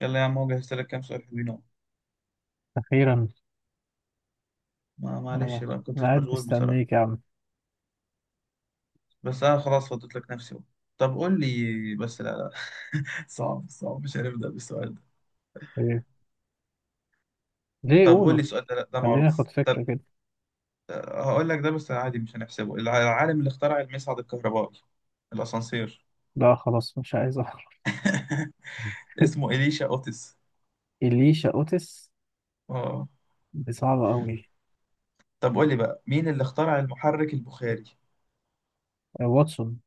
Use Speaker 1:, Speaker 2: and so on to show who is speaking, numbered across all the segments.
Speaker 1: يلا يا عم، هو جهزت لك كام سؤال حلوين اهو.
Speaker 2: أخيرا.
Speaker 1: معلش
Speaker 2: أنا
Speaker 1: بقى، ما كنتش
Speaker 2: قاعد
Speaker 1: مشغول بصراحة.
Speaker 2: مستنيك يا عم.
Speaker 1: بس انا خلاص فضيت لك نفسي بقى. طب قول لي بس. لا لا. صعب صعب، مش هنبدأ بالسؤال ده.
Speaker 2: إيه؟ ليه
Speaker 1: طب قول
Speaker 2: قولوا،
Speaker 1: لي السؤال ده. لا ده
Speaker 2: خليني آخد
Speaker 1: معروف. طب
Speaker 2: فكرة كده.
Speaker 1: هقول لك ده، بس عادي مش هنحسبه. العالم اللي اخترع المصعد الكهربائي، الاسانسير،
Speaker 2: لا خلاص مش عايز أعرف.
Speaker 1: اسمه إليشا أوتس.
Speaker 2: إليشا أوتس.
Speaker 1: اه.
Speaker 2: دي صعبة أوي.
Speaker 1: طب قول لي بقى مين اللي اخترع المحرك البخاري؟
Speaker 2: واتسون،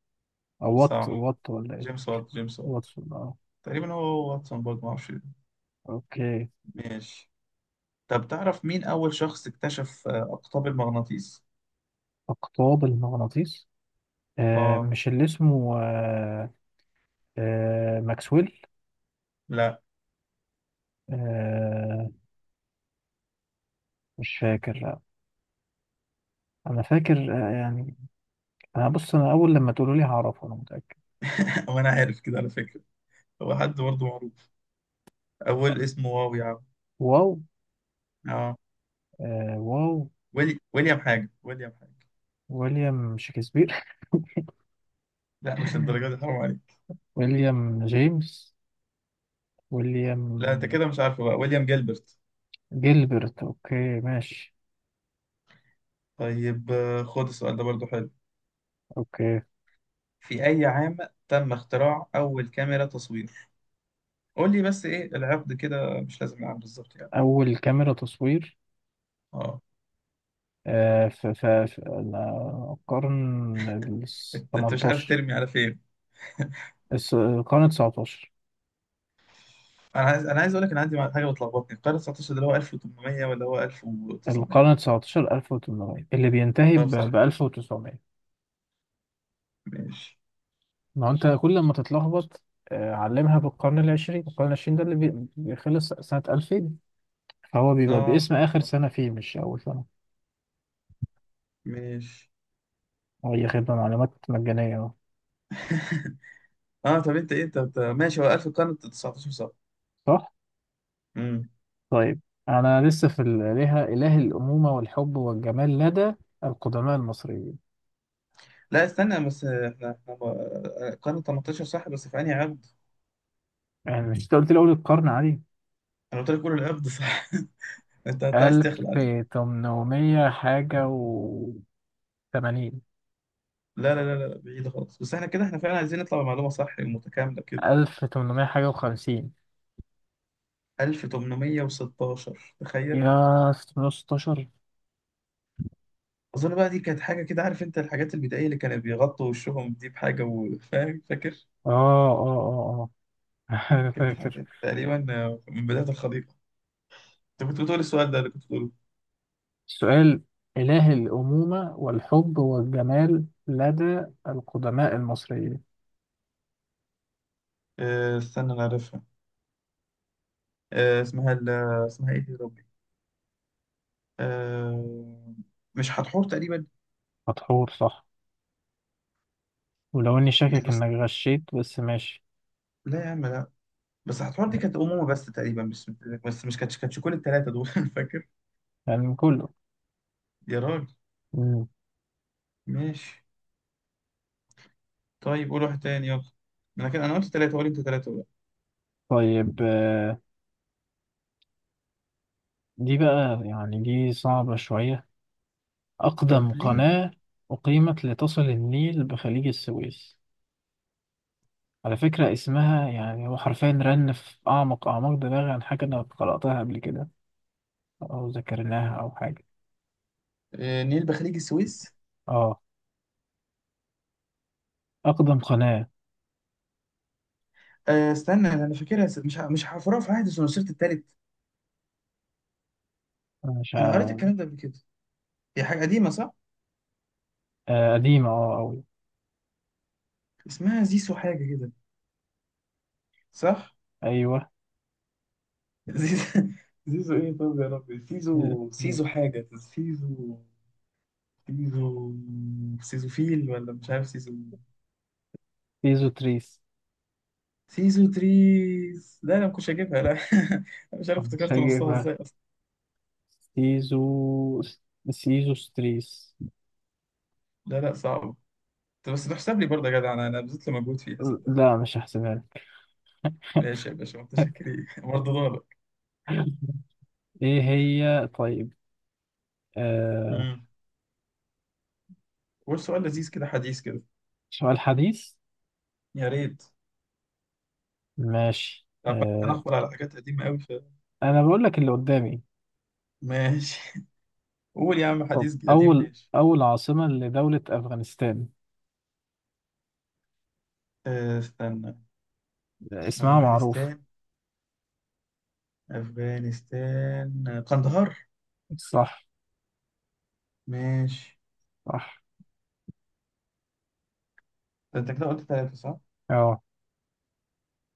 Speaker 2: أو وات
Speaker 1: صح،
Speaker 2: وات ولا إيه.
Speaker 1: جيمس وات جيمس وات.
Speaker 2: واتسون أه.
Speaker 1: تقريبا هو واتسون برضه، ما اعرفش.
Speaker 2: أوكي.
Speaker 1: ماشي. طب تعرف مين أول شخص اكتشف أقطاب المغناطيس؟
Speaker 2: أقطاب المغناطيس.
Speaker 1: آه.
Speaker 2: مش اللي اسمه ماكسويل.
Speaker 1: لا.
Speaker 2: آه مش فاكر لا. أنا فاكر، يعني. أنا بص، أنا أول لما تقولوا لي هعرفه أنا متأكد.
Speaker 1: وأنا عارف كده على فكرة. هو حد برضه معروف. أول اسمه واو يا عم.
Speaker 2: واو.
Speaker 1: آه.
Speaker 2: آه واو.
Speaker 1: ويليام حاجة، ويليام حاجة.
Speaker 2: ويليام شكسبير.
Speaker 1: لا مش الدرجة دي، حرام عليك.
Speaker 2: ويليام جيمس. ويليام
Speaker 1: لا أنت كده مش عارفه بقى، ويليام جيلبرت.
Speaker 2: جيلبرت. اوكي ماشي.
Speaker 1: طيب، خد السؤال ده برضه حلو.
Speaker 2: اوكي.
Speaker 1: في أي عام تم اختراع أول كاميرا تصوير؟ قول لي بس إيه العقد كده، مش لازم العام بالظبط يعني.
Speaker 2: اول كاميرا تصوير.
Speaker 1: آه.
Speaker 2: في القرن ال
Speaker 1: أنت أنت مش عارف
Speaker 2: 18.
Speaker 1: ترمي على فين.
Speaker 2: القرن 19.
Speaker 1: انا عايز اقول لك، انا عندي حاجه بتلخبطني، القرن 19 ده اللي هو 1800 ولا هو 1900؟
Speaker 2: 1800 اللي بينتهي
Speaker 1: طب صح.
Speaker 2: ب 1900.
Speaker 1: ماشي.
Speaker 2: ما هو انت كل ما تتلخبط. علمها بالقرن العشرين. القرن العشرين ده اللي بيخلص سنة 2000، فهو بيبقى
Speaker 1: اه
Speaker 2: باسم
Speaker 1: صح
Speaker 2: آخر
Speaker 1: صح.
Speaker 2: سنة فيه مش أول سنة.
Speaker 1: ماشي.
Speaker 2: هي خدمة معلومات مجانية أهو.
Speaker 1: اه طب انت ايه ماشي، هو 1000 القرن 19 صح؟
Speaker 2: صح؟
Speaker 1: امم.
Speaker 2: طيب. أنا لسه في الآلهة، إله الأمومة والحب والجمال لدى القدماء المصريين.
Speaker 1: لا استنى بس، القرن 18 صح، بس في انهي عقد؟
Speaker 2: يعني مش أنت قلت لي أول القرن عادي؟
Speaker 1: انا قلت لك قول العقد صح. انت انت عايز تخلع.
Speaker 2: 1800 حاجة و80.
Speaker 1: لا، بعيد خالص، بس احنا كده احنا فعلا عايزين نطلع بمعلومه صح ومتكامله كده.
Speaker 2: 1800 حاجة و50.
Speaker 1: 1816 تخيل.
Speaker 2: يا 616.
Speaker 1: اظن بقى دي كانت حاجه كده، عارف انت الحاجات البدائيه اللي كانوا بيغطوا وشهم دي بحاجه، وفاهم، فاكر؟
Speaker 2: آه آه آه. آه أنا
Speaker 1: كانت
Speaker 2: فاكر.
Speaker 1: حاجه تقريبا من بدايه الخليقه. انت كنت بتقول السؤال ده، اللي كنت بتقوله.
Speaker 2: السؤال: إله الأمومة والحب والجمال لدى القدماء المصريين.
Speaker 1: استنى انا عارفها. آه، اسمها ال- اسمها ايه دي يا ربي؟ آه، مش هتحور تقريبا.
Speaker 2: مدحور صح، ولو إني
Speaker 1: إيه
Speaker 2: شاكك
Speaker 1: بس.
Speaker 2: إنك غشيت بس ماشي.
Speaker 1: لا يا عم لا. بس هتحور دي كانت امومه بس تقريبا، بس بس مش كانتش كل الثلاثه دول. فاكر؟
Speaker 2: يعني كله.
Speaker 1: يا راجل. ماشي. طيب قول واحد تاني يلا. انا كده قلت ثلاثه، قول انت ثلاثه بقى.
Speaker 2: طيب. دي بقى يعني دي صعبة شوية.
Speaker 1: طب
Speaker 2: أقدم
Speaker 1: ليه؟
Speaker 2: قناة أقيمت لتصل النيل بخليج السويس. على فكرة اسمها، يعني هو حرفيا رن في أعمق أعماق دماغي، عن حاجة أنا قرأتها قبل كده أو ذكرناها أو حاجة.
Speaker 1: نيل بخليج السويس.
Speaker 2: أه. أقدم قناة.
Speaker 1: استنى انا فاكرها. مش هحفرها، في عهد سنوسرت التالت.
Speaker 2: أنا مش
Speaker 1: انا قريت
Speaker 2: ع-
Speaker 1: الكلام ده قبل كده. هي حاجه قديمه صح.
Speaker 2: قديمة أه أوي.
Speaker 1: اسمها زيسو حاجه كده. صح.
Speaker 2: أيوه.
Speaker 1: زيزو. زيزو ايه طب يا ربي، سيزو سيزو حاجه، سيزو سيزو. سيزو فيل، ولا مش عارف، سيزو.
Speaker 2: سيزو تريس.
Speaker 1: سيزو تريز، لا انا ما كنتش هجيبها لا. أنا مش عارف
Speaker 2: مش
Speaker 1: افتكرت نصها
Speaker 2: هجيبها.
Speaker 1: ازاي اصلا.
Speaker 2: سيزو. سيزو ستريس.
Speaker 1: لا لا، صعب. طب بس تحسب لي برضه يا جدع، انا انا بذلت مجهود فيها صدق.
Speaker 2: لا مش هحسبها لك.
Speaker 1: ماشي يا باشا متشكرين. برضه دورك.
Speaker 2: ايه هي طيب. آه.
Speaker 1: مم. والسؤال لذيذ كده، حديث كده.
Speaker 2: سؤال حديث.
Speaker 1: يا ريت.
Speaker 2: ماشي
Speaker 1: عمال
Speaker 2: آه.
Speaker 1: هنحفر على حاجات قديمة أوي
Speaker 2: أنا بقول لك اللي قدامي.
Speaker 1: ماشي. قول يا عم،
Speaker 2: طب
Speaker 1: حديث قديم
Speaker 2: أول
Speaker 1: ماشي.
Speaker 2: أول عاصمة لدولة أفغانستان.
Speaker 1: استنى.
Speaker 2: اسمها معروف.
Speaker 1: أفغانستان. أفغانستان قندهار.
Speaker 2: صح.
Speaker 1: ماشي.
Speaker 2: صح.
Speaker 1: ده أنت كده قلت ثلاثة صح؟
Speaker 2: أه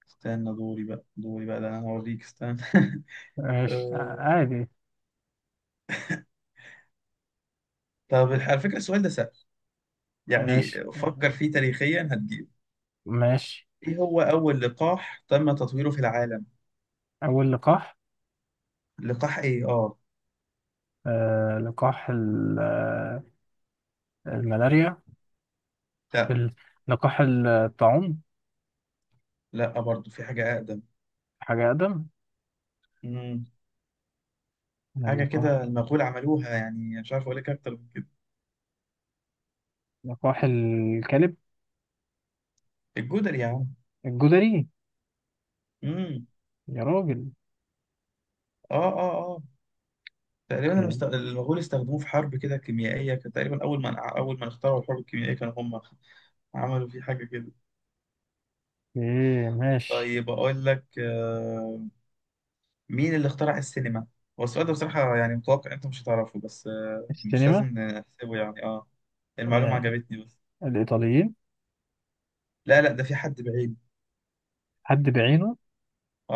Speaker 1: استنى دوري بقى، دوري بقى، ده أنا هوريك استنى.
Speaker 2: ماشي،
Speaker 1: أه،
Speaker 2: عادي.
Speaker 1: طب على فكرة السؤال ده سهل، يعني
Speaker 2: ماشي
Speaker 1: فكر فيه تاريخيا هتجيب.
Speaker 2: ماشي.
Speaker 1: إيه هو أول لقاح تم تطويره في العالم؟
Speaker 2: أول لقاح.
Speaker 1: لقاح إيه؟ آه.
Speaker 2: لقاح الملاريا.
Speaker 1: لا.
Speaker 2: ال- لقاح الطاعون.
Speaker 1: لا برضه، في حاجة
Speaker 2: حاجة أقدم.
Speaker 1: أقدم. حاجه
Speaker 2: لقاح.
Speaker 1: كده المغول عملوها، يعني مش عارف اقول لك اكتر من كده.
Speaker 2: لقاح الكلب.
Speaker 1: الجدر يا عم.
Speaker 2: الجدري.
Speaker 1: امم.
Speaker 2: يا راجل.
Speaker 1: اه اه اه. تقريبا
Speaker 2: أوكي.
Speaker 1: المغول استخدموه في حرب كده كيميائيه، كان تقريبا اول ما اخترعوا الحرب الكيميائيه كانوا هم عملوا فيه حاجه كده.
Speaker 2: أوكي، ماشي.
Speaker 1: طيب اقول لك، مين اللي اخترع السينما؟ هو السؤال ده بصراحه يعني متوقع انت مش هتعرفه، بس مش
Speaker 2: السينما.
Speaker 1: لازم نحسبه يعني، اه المعلومه
Speaker 2: آه
Speaker 1: عجبتني بس.
Speaker 2: الإيطاليين.
Speaker 1: لا لا ده، في حد بعيد.
Speaker 2: حد بعينه.
Speaker 1: اه.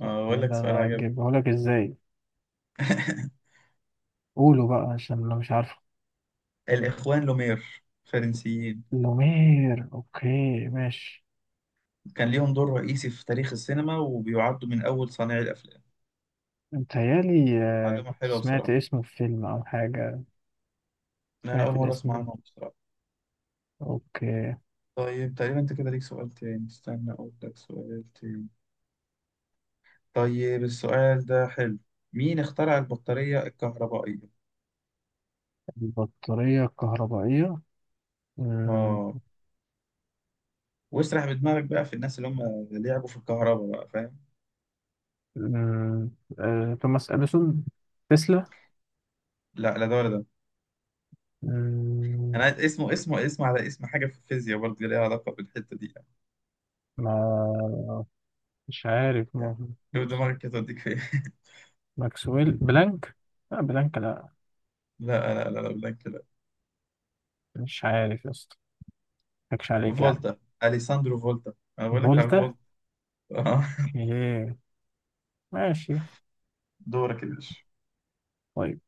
Speaker 1: اقول
Speaker 2: يقول
Speaker 1: لك سؤال
Speaker 2: أنا
Speaker 1: عجبني.
Speaker 2: أجيبه لك إزاي؟ قولوا بقى عشان أنا مش عارفه.
Speaker 1: الاخوان لومير فرنسيين،
Speaker 2: لومير. أوكي ماشي.
Speaker 1: كان ليهم دور رئيسي في تاريخ السينما وبيعدوا من أول صانعي الأفلام.
Speaker 2: متهيألي آه
Speaker 1: معلومة
Speaker 2: كنت
Speaker 1: حلوة
Speaker 2: سمعت
Speaker 1: بصراحة.
Speaker 2: اسمه في فيلم أو حاجة.
Speaker 1: أنا أول
Speaker 2: سمعت
Speaker 1: مرة
Speaker 2: الاسم
Speaker 1: أسمع
Speaker 2: ده.
Speaker 1: عنهم بصراحة.
Speaker 2: أوكي.
Speaker 1: طيب تقريبا أنت كده ليك سؤال تاني، استنى أقول لك سؤال تاني. طيب السؤال ده حلو. مين اخترع البطارية الكهربائية؟
Speaker 2: البطارية الكهربائية. مم،
Speaker 1: آه. واسرح بدماغك بقى في الناس اللي هم لعبوا في الكهرباء بقى، فاهم؟
Speaker 2: مم، توماس أديسون. تسلا.
Speaker 1: لا لا ده ولا ده.
Speaker 2: مم،
Speaker 1: أنا عايز اسمه، اسمه على اسم حاجة في الفيزياء برضه، ليها علاقة بالحتة دي يعني.
Speaker 2: ما مش عارف،
Speaker 1: يعني شوف دماغك كده توديك فين.
Speaker 2: ماكسويل بلانك. لا بلانك لا.
Speaker 1: لا، بلاك.
Speaker 2: مش عارف يا اسطى، مضحكش عليك يعني.
Speaker 1: فولتا. اليساندرو فولتا. انا بقول لك على
Speaker 2: فولتا.
Speaker 1: فولتا. آه.
Speaker 2: ايه ماشي.
Speaker 1: دورك يا باشا.
Speaker 2: طيب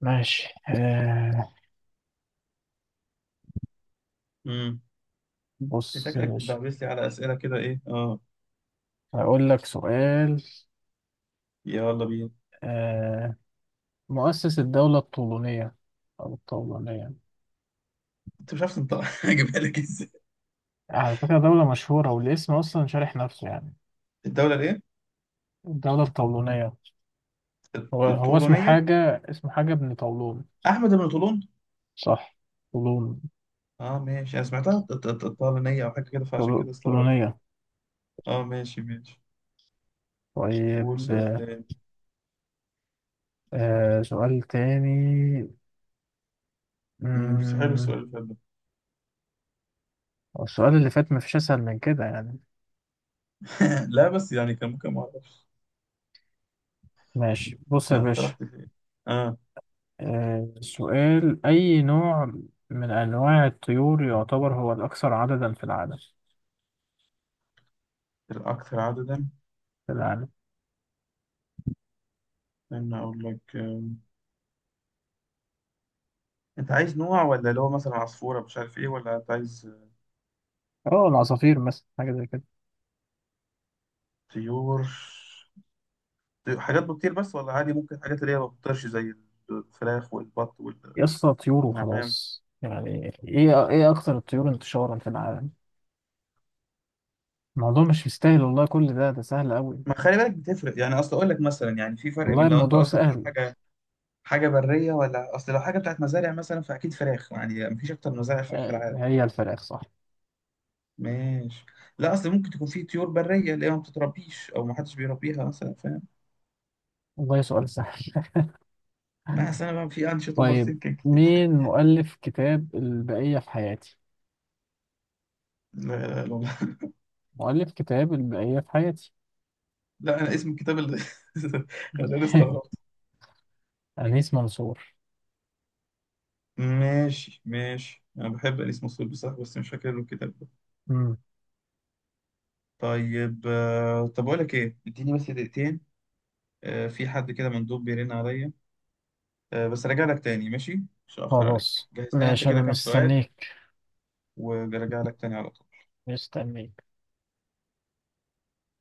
Speaker 2: ماشي آه.
Speaker 1: امم. انت
Speaker 2: بص يا
Speaker 1: شكلك
Speaker 2: باشا.
Speaker 1: بتدعبس لي على اسئله كده، ايه اه؟
Speaker 2: هقول لك سؤال.
Speaker 1: يلا بينا.
Speaker 2: آه. مؤسس الدولة الطولونية، أو الطولونية.
Speaker 1: انت مش عارف تنطق. هجيبها لك ازاي؟
Speaker 2: على فكرة دولة مشهورة والاسم أصلا شارح نفسه يعني.
Speaker 1: الدوله الايه؟
Speaker 2: الدولة الطولونية. هو اسمه
Speaker 1: الطولونيه،
Speaker 2: حاجة، اسمه حاجة ابن طولون.
Speaker 1: احمد بن طولون.
Speaker 2: صح. طولون.
Speaker 1: اه ماشي، انا سمعتها طالونيه او حاجه كده، فعشان كده استغربت.
Speaker 2: طولونية.
Speaker 1: اه ماشي ماشي. قول
Speaker 2: طيب.
Speaker 1: سؤال تاني.
Speaker 2: آه، سؤال تاني.
Speaker 1: امم، بس حلو
Speaker 2: مم،
Speaker 1: السؤال اللي فات ده.
Speaker 2: السؤال اللي فات مفيش أسهل من كده يعني.
Speaker 1: لا بس يعني كان ممكن ما اعرفش.
Speaker 2: ماشي بص يا
Speaker 1: انت
Speaker 2: باشا.
Speaker 1: رحت فين؟ اه.
Speaker 2: آه، سؤال: أي نوع من أنواع الطيور يعتبر هو الأكثر عددا في العالم؟
Speaker 1: الاكثر عددا،
Speaker 2: في العالم
Speaker 1: استنى اقول لك. انت عايز نوع، ولا اللي هو مثلا عصفورة مش عارف ايه، ولا انت عايز
Speaker 2: اه. العصافير مثلا حاجة زي كده.
Speaker 1: طيور طيور، حاجات بتطير بس، ولا عادي ممكن حاجات اللي هي ما بتطيرش زي الفراخ والبط
Speaker 2: يا اسطى طيور
Speaker 1: والنعام؟
Speaker 2: وخلاص. يعني ايه أكثر الطيور انتشارا في العالم. الموضوع مش مستاهل والله، كل ده سهل أوي.
Speaker 1: ما خلي بالك بتفرق، يعني اصل اقول لك مثلا، يعني في فرق
Speaker 2: والله
Speaker 1: بين لو انت
Speaker 2: الموضوع
Speaker 1: قصدك على
Speaker 2: سهل.
Speaker 1: حاجة حاجة برية، ولا اصل لو حاجة بتاعت مزارع مثلا فاكيد فراخ، يعني مفيش اكتر من مزارع فراخ في
Speaker 2: آه،
Speaker 1: العالم.
Speaker 2: هي الفراخ صح.
Speaker 1: ماشي. لا اصل ممكن تكون في طيور برية اللي هي ما بتتربيش او ما حدش بيربيها مثلا، فاهم؟
Speaker 2: والله سؤال سهل.
Speaker 1: ما اصل انا بقى في انشط اوفر
Speaker 2: طيب.
Speaker 1: سينكينج.
Speaker 2: مين مؤلف كتاب البقية في حياتي؟ مؤلف كتاب البقية في حياتي
Speaker 1: لا انا اسم الكتاب اللي خلاني استغربت.
Speaker 2: أنيس منصور.
Speaker 1: ماشي ماشي، انا بحب انيس مسرود بصراحه، بس مش فاكر له الكتاب ده. طيب طب اقول لك ايه، اديني بس دقيقتين. في حد كده مندوب بيرن عليا، بس راجع لك تاني ماشي، مش هاخر عليك.
Speaker 2: خلاص
Speaker 1: جهز لنا انت
Speaker 2: ماشي انا
Speaker 1: كده كام سؤال،
Speaker 2: مستنيك
Speaker 1: وراجع لك تاني على طول.
Speaker 2: مستنيك